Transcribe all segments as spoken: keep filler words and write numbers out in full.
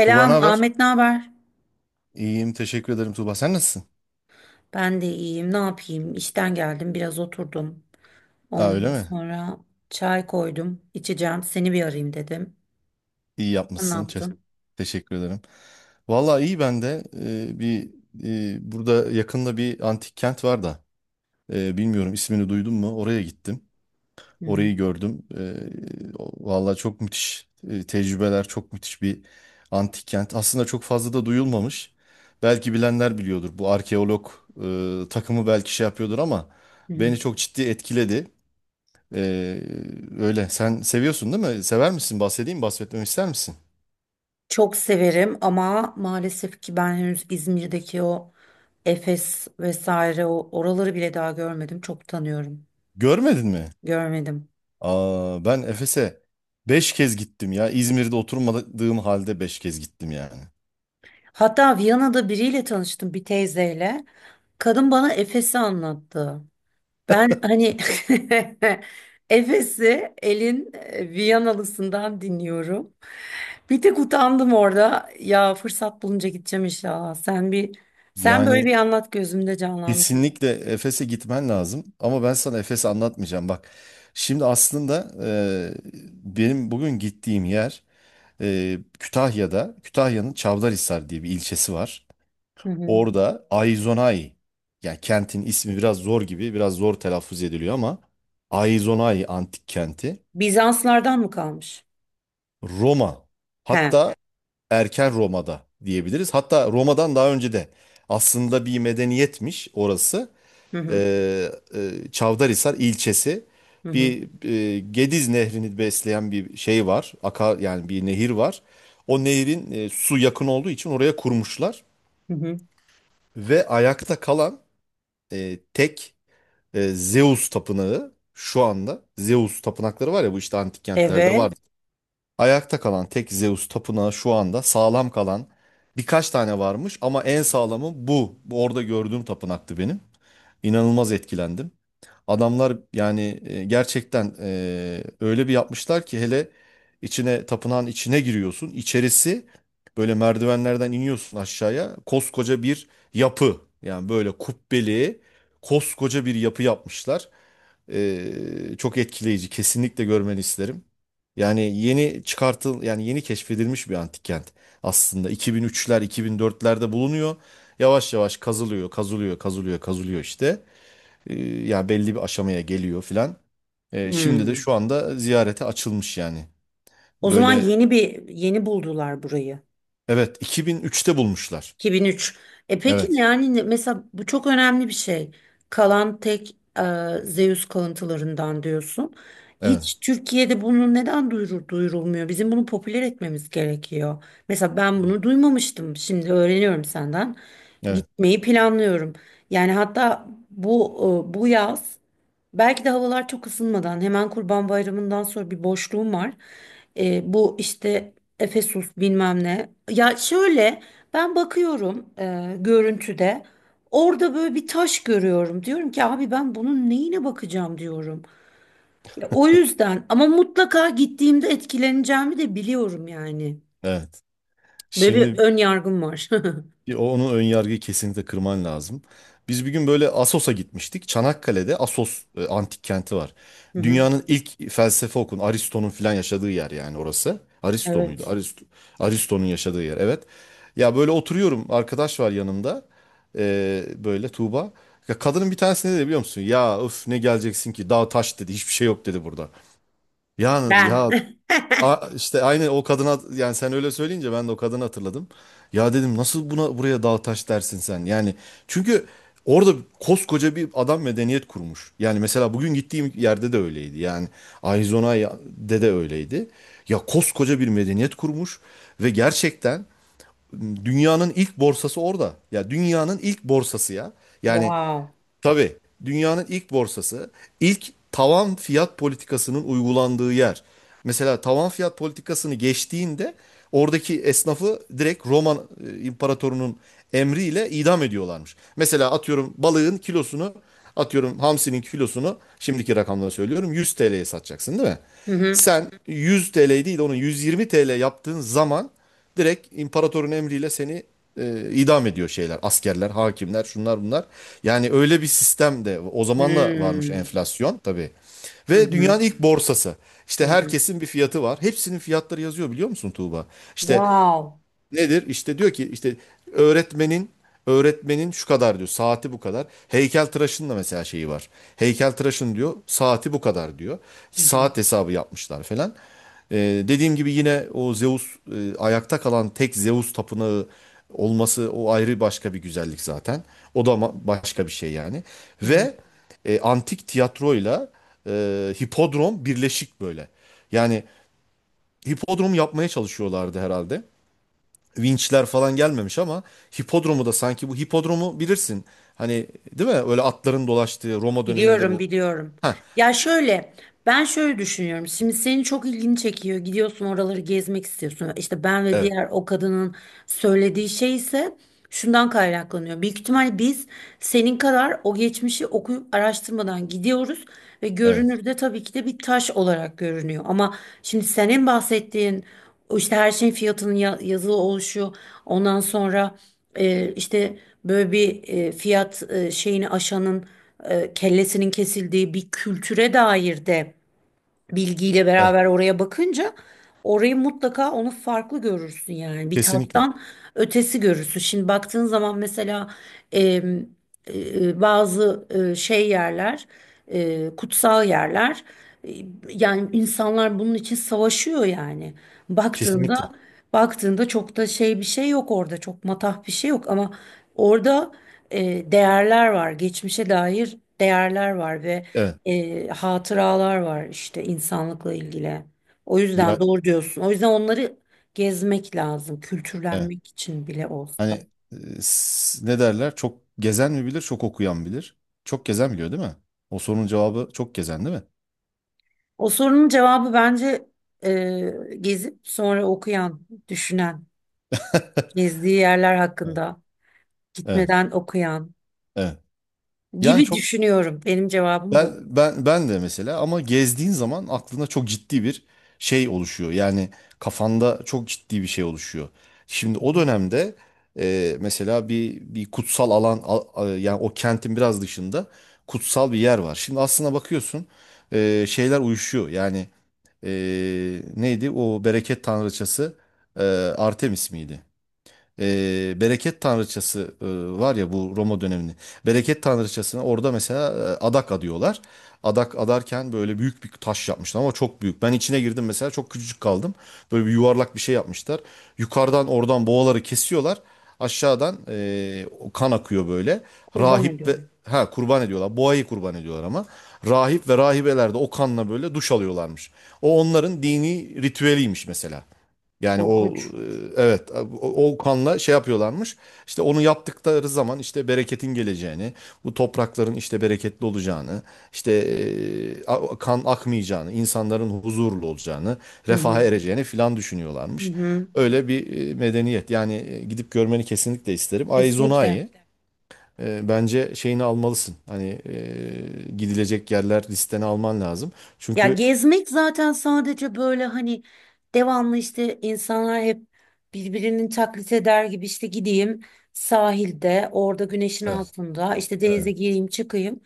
Tuğba ne haber? Ahmet, ne haber? İyiyim, teşekkür ederim Tuğba. Sen nasılsın? Ben de iyiyim. Ne yapayım? İşten geldim, biraz oturdum. Aa, öyle Ondan mi? sonra çay koydum, içeceğim. Seni bir arayayım dedim. İyi Sen ne yapmışsın. Çe- yaptın? teşekkür ederim. Vallahi iyi, ben de Ee, bir e, burada yakında bir antik kent var da. Ee, bilmiyorum, ismini duydun mu? Oraya gittim. Hı hı, Orayı gördüm. Ee, o- vallahi çok müthiş e, tecrübeler, çok müthiş bir antik kent. Aslında çok fazla da duyulmamış. Belki bilenler biliyordur. Bu arkeolog e, takımı belki şey yapıyordur ama hı hı. beni çok ciddi etkiledi. Ee, Öyle. Sen seviyorsun, değil mi? Sever misin? Bahsedeyim, bahsetmemi ister misin? Çok severim ama maalesef ki ben henüz İzmir'deki o Efes vesaire o oraları bile daha görmedim. Çok tanıyorum. Görmedin mi? Görmedim. Aa, ben Efes'e beş kez gittim ya. İzmir'de oturmadığım halde beş kez gittim yani. Hatta Viyana'da biriyle tanıştım, bir teyzeyle. Kadın bana Efes'i anlattı. Ben hani Efes'i El'in e, Viyanalısından dinliyorum. Bir tek utandım orada. Ya fırsat bulunca gideceğim inşallah. Sen bir sen böyle bir Yani anlat gözümde canlandı. kesinlikle Efes'e gitmen lazım. Ama ben sana Efes'i anlatmayacağım. Bak, şimdi aslında e, benim bugün gittiğim yer e, Kütahya'da. Kütahya'nın Çavdarhisar diye bir ilçesi var. Hı hı. Orada Aizonay, yani kentin ismi biraz zor gibi, biraz zor telaffuz ediliyor ama Aizonay antik kenti Bizanslardan mı kalmış? Roma, He. hatta erken Roma'da diyebiliriz. Hatta Roma'dan daha önce de aslında bir medeniyetmiş orası. Hı hı. Ee, e, Çavdarhisar ilçesi, Hı hı. bir e, Gediz nehrini besleyen bir şey var. Akar, yani bir nehir var. O nehrin e, su yakın olduğu için oraya kurmuşlar Hı hı. ve ayakta kalan e, tek e, Zeus tapınağı şu anda, Zeus tapınakları var ya, bu işte antik kentlerde Evet. vardı. Ayakta kalan tek Zeus tapınağı şu anda sağlam kalan birkaç tane varmış ama en sağlamı bu. Bu, orada gördüğüm tapınaktı benim. İnanılmaz etkilendim. Adamlar, yani e, gerçekten e, öyle bir yapmışlar ki, hele içine tapınağın içine giriyorsun. İçerisi böyle, merdivenlerden iniyorsun aşağıya. Koskoca bir yapı. Yani böyle kubbeli koskoca bir yapı yapmışlar. E, Çok etkileyici. Kesinlikle görmeni isterim. Yani yeni çıkartıl yani yeni keşfedilmiş bir antik kent aslında. iki bin üçler iki bin dörtlerde bulunuyor. Yavaş yavaş kazılıyor, kazılıyor, kazılıyor, kazılıyor işte. E, ya, belli bir aşamaya geliyor filan. E, şimdi de Hı. şu anda ziyarete açılmış yani. O zaman Böyle yeni bir yeni buldular burayı. evet, iki bin üçte bulmuşlar. iki bin üç. E peki ne- Evet. yani ne- mesela bu çok önemli bir şey. Kalan tek e, Zeus kalıntılarından diyorsun. Evet. Hiç Türkiye'de bunu neden duyurur, duyurulmuyor? Bizim bunu popüler etmemiz gerekiyor. Mesela ben bunu duymamıştım. Şimdi öğreniyorum senden. Evet. Gitmeyi planlıyorum. Yani hatta bu e, bu yaz belki de havalar çok ısınmadan hemen Kurban Bayramı'ndan sonra bir boşluğum var. Ee, bu işte Efesus bilmem ne. Ya şöyle ben bakıyorum e, görüntüde orada böyle bir taş görüyorum. Diyorum ki abi ben bunun neyine bakacağım diyorum. Ya o yüzden ama mutlaka gittiğimde etkileneceğimi de biliyorum yani. Evet. Böyle bir Şimdi ön yargım var. Bir o- onun ön yargıyı kesinlikle kırman lazım. Biz bir gün böyle Assos'a gitmiştik. Çanakkale'de Assos e, antik kenti var. Hı hı, Dünyanın ilk felsefe okun Aristo'nun filan yaşadığı yer, yani orası. Aristo muydu? evet. Aristo, Aristo'nun yaşadığı yer, evet. Ya böyle oturuyorum, arkadaş var yanımda. Ee, böyle Tuğba. Ya, kadının bir tanesi ne dedi biliyor musun? Ya, öf, ne geleceksin ki, dağ taş dedi, hiçbir şey yok dedi burada. Yani Ben. ya, A- işte aynı o kadına, yani sen öyle söyleyince ben de o kadını hatırladım. Ya, dedim, nasıl buna buraya dağ taş dersin sen? Yani çünkü orada koskoca bir adam medeniyet kurmuş. Yani mesela bugün gittiğim yerde de öyleydi. Yani Arizona'da de öyleydi. Ya, koskoca bir medeniyet kurmuş ve gerçekten dünyanın ilk borsası orada. Ya, dünyanın ilk borsası ya. Yani, Wow. tabii. Dünyanın ilk borsası, ilk tavan fiyat politikasının uygulandığı yer. Mesela tavan fiyat politikasını geçtiğinde, oradaki esnafı direkt Roma e, imparatorunun emriyle idam ediyorlarmış. Mesela atıyorum balığın kilosunu, atıyorum hamsinin kilosunu, şimdiki rakamları söylüyorum, yüz T L'ye satacaksın değil mi? Hı hı. Sen yüz T L değil de onu yüz yirmi T L yaptığın zaman, direkt imparatorun emriyle seni e, idam ediyor, şeyler. Askerler, hakimler, şunlar bunlar. Yani öyle bir sistem de o zaman da varmış, Hmm. enflasyon tabii. Hı Ve dünyanın hı. ilk borsası. Hı İşte hı. herkesin bir fiyatı var. Hepsinin fiyatları yazıyor, biliyor musun Tuğba? İşte. Wow. Nedir? İşte diyor ki, işte öğretmenin öğretmenin şu kadar diyor. Saati bu kadar. Heykeltıraşın da mesela şeyi var. Heykeltıraşın, diyor, saati bu kadar diyor. Hı hı, Saat hesabı yapmışlar falan. Ee, Dediğim gibi, yine o Zeus, e, ayakta kalan tek Zeus tapınağı olması o ayrı başka bir güzellik zaten. O da ma- başka bir şey yani. hı hı. Ve e, antik tiyatroyla e, hipodrom birleşik böyle. Yani hipodrom yapmaya çalışıyorlardı herhalde, vinçler falan gelmemiş ama hipodromu da, sanki bu hipodromu bilirsin. Hani, değil mi? Öyle atların dolaştığı Roma döneminde Biliyorum, bu. biliyorum. Ha, Ya şöyle, ben şöyle düşünüyorum. Şimdi senin çok ilgini çekiyor. Gidiyorsun oraları gezmek istiyorsun. İşte ben ve evet. diğer o kadının söylediği şey ise şundan kaynaklanıyor. Büyük ihtimal biz senin kadar o geçmişi okuyup araştırmadan gidiyoruz ve Evet. görünürde tabii ki de bir taş olarak görünüyor. Ama şimdi senin bahsettiğin o işte her şeyin fiyatının ya- yazılı oluşu, ondan sonra e, işte böyle bir e, fiyat e, şeyini aşanın e, kellesinin kesildiği bir kültüre dair de bilgiyle Evet. beraber oraya bakınca orayı mutlaka onu farklı görürsün yani bir Kesinlikle. tattan ötesi görürsün. Şimdi baktığın zaman mesela em, e, bazı e, şey yerler, e, kutsal yerler, e, yani insanlar bunun için savaşıyor yani baktığında Kesinlikle. baktığında çok da şey bir şey yok orada çok matah bir şey yok ama orada e, değerler var geçmişe dair değerler var ve Evet. e, hatıralar var işte insanlıkla ilgili. O yüzden Ya, doğru diyorsun. O yüzden onları gezmek lazım, evet. kültürlenmek için bile olsa. Hani, e, s- ne derler? Çok gezen mi bilir, çok okuyan bilir. Çok gezen biliyor, değil mi? O sorunun cevabı çok gezen, değil mi? O sorunun cevabı bence e, gezip sonra okuyan, düşünen, gezdiği yerler Evet. hakkında Evet. gitmeden okuyan Evet. Yani gibi çok düşünüyorum. Benim cevabım Ben bu. ben ben de mesela, ama gezdiğin zaman aklında çok ciddi bir şey oluşuyor. Yani kafanda çok ciddi bir şey oluşuyor. Şimdi o dönemde e, mesela bir bir kutsal alan, a- a- yani o kentin biraz dışında kutsal bir yer var. Şimdi aslına bakıyorsun, e, şeyler uyuşuyor. Yani, e, neydi o bereket tanrıçası, e, Artemis miydi? e, bereket tanrıçası e, var ya, bu Roma dönemini. Bereket tanrıçasına orada mesela e, adak adıyorlar. Adak adarken böyle büyük bir taş yapmışlar, ama çok büyük. Ben içine girdim mesela, çok küçücük kaldım. Böyle bir yuvarlak bir şey yapmışlar. Yukarıdan oradan boğaları kesiyorlar. Aşağıdan e, o kan akıyor böyle. Kurban Rahip ve, ediyorum. ha, kurban ediyorlar. Boğayı kurban ediyorlar ama. Rahip ve rahibeler de o kanla böyle duş alıyorlarmış. O, onların dini ritüeliymiş mesela. Yani o, Korkunç. e, evet, o, o kanla şey yapıyorlarmış. İşte onu yaptıkları zaman, işte bereketin geleceğini, bu toprakların işte bereketli olacağını, işte e, a- kan akmayacağını, insanların huzurlu olacağını, Hı refaha hı. ereceğini filan Hı düşünüyorlarmış. hı. Öyle bir e, medeniyet. Yani e, gidip görmeni kesinlikle isterim. Kesinlikle. Aizona'yı, e, bence şeyini almalısın. Hani, e, gidilecek yerler listene alman lazım. Ya Çünkü gezmek zaten sadece böyle hani devamlı işte insanlar hep birbirinin taklit eder gibi işte gideyim sahilde orada güneşin evet, altında işte denize evet, gireyim çıkayım.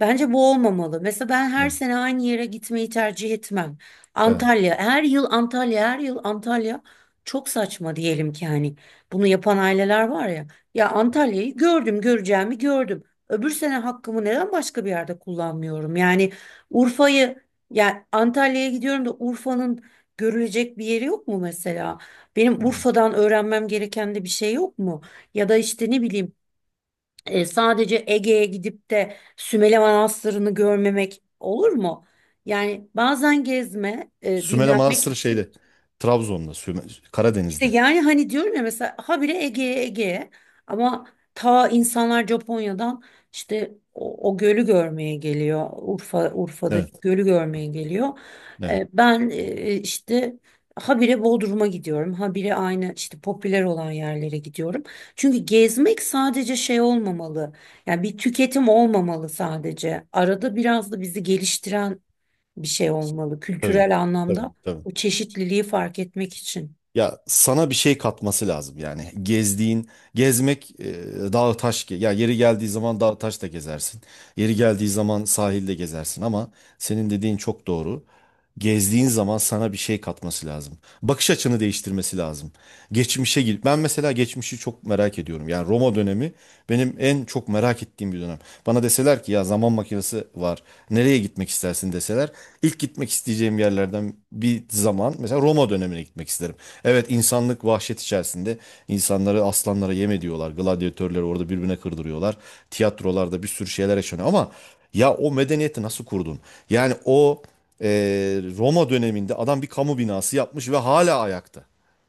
Bence bu olmamalı. Mesela ben her evet. sene aynı yere gitmeyi tercih etmem. Evet. Antalya her yıl Antalya her yıl Antalya çok saçma diyelim ki hani bunu yapan aileler var ya. Ya Antalya'yı gördüm göreceğimi gördüm. Öbür sene hakkımı neden başka bir yerde kullanmıyorum? Yani Urfa'yı yani Antalya'ya gidiyorum da Urfa'nın görülecek bir yeri yok mu mesela? Benim Urfa'dan öğrenmem gereken de bir şey yok mu? Ya da işte ne bileyim e, sadece Ege'ye gidip de Sümele Manastırı'nı görmemek olur mu? Yani bazen gezme, e, Sümele dinlenmek Manastırı için şeyde. Trabzon'da. Süme- işte Karadeniz'de. yani hani diyorum ya mesela habire Ege'ye Ege'ye ama ta insanlar Japonya'dan işte o, o gölü görmeye geliyor. Urfa Urfa'daki Evet. gölü görmeye geliyor. Evet. Ee, ben e, işte habire Bodrum'a gidiyorum. Habire aynı işte popüler olan yerlere gidiyorum. Çünkü gezmek sadece şey olmamalı. Yani bir tüketim olmamalı sadece. Arada biraz da bizi geliştiren bir şey olmalı Tabii. kültürel Tabii. anlamda. Tabii. O çeşitliliği fark etmek için. Ya, sana bir şey katması lazım, yani gezdiğin, gezmek e, dağ taş, ge- ya yeri geldiği zaman dağ taş da gezersin. Yeri geldiği zaman sahilde gezersin, ama senin dediğin çok doğru. Gezdiğin zaman sana bir şey katması lazım. Bakış açını değiştirmesi lazım. Geçmişe git. Ben mesela geçmişi çok merak ediyorum. Yani Roma dönemi benim en çok merak ettiğim bir dönem. Bana deseler ki ya, zaman makinesi var. Nereye gitmek istersin deseler, ilk gitmek isteyeceğim yerlerden bir zaman, mesela Roma dönemine gitmek isterim. Evet, insanlık vahşet içerisinde, insanları aslanlara yem ediyorlar. Gladyatörleri orada birbirine kırdırıyorlar. Tiyatrolarda bir sürü şeyler yaşanıyor, ama ya, o medeniyeti nasıl kurdun? Yani o, e, Roma döneminde adam bir kamu binası yapmış ve hala ayakta.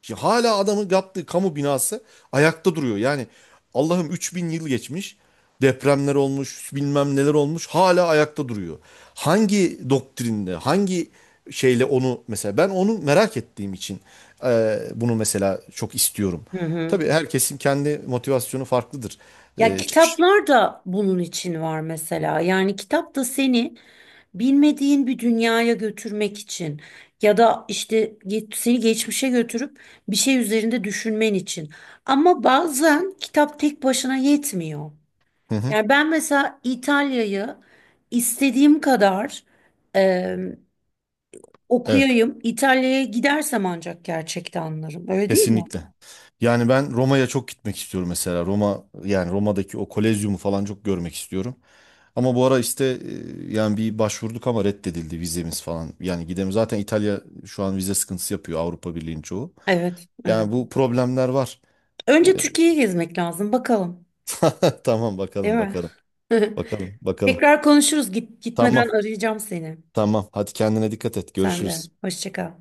Şimdi hala adamın yaptığı kamu binası ayakta duruyor. Yani Allah'ım, üç bin yıl geçmiş. Depremler olmuş, bilmem neler olmuş. Hala ayakta duruyor. Hangi doktrinde, hangi şeyle, onu mesela ben onu merak ettiğim için, e, bunu mesela çok istiyorum. Hı hı. Tabii herkesin kendi motivasyonu farklıdır. Ya E, çıkış. kitaplar da bunun için var mesela. Yani kitap da seni bilmediğin bir dünyaya götürmek için ya da işte ge- seni geçmişe götürüp bir şey üzerinde düşünmen için. Ama bazen kitap tek başına yetmiyor. Hı hı. Yani ben mesela İtalya'yı istediğim kadar e, Evet. okuyayım. İtalya'ya gidersem ancak gerçekten anlarım. Öyle değil mi? Kesinlikle. Yani ben Roma'ya çok gitmek istiyorum mesela. Roma, yani Roma'daki o Kolezyumu falan çok görmek istiyorum. Ama bu ara işte, e, yani bir başvurduk ama reddedildi vizemiz falan. Yani gidemiyoruz. Zaten İtalya şu an vize sıkıntısı yapıyor, Avrupa Birliği'nin çoğu. Evet, evet. Yani bu problemler var. E, Önce Türkiye'yi gezmek lazım bakalım, Tamam, değil bakalım mi? bakalım. Bakalım bakalım. Tekrar konuşuruz. Git, Tamam gitmeden arayacağım seni. tamam. Hadi, kendine dikkat et. Sen de. Görüşürüz. Hoşça kal.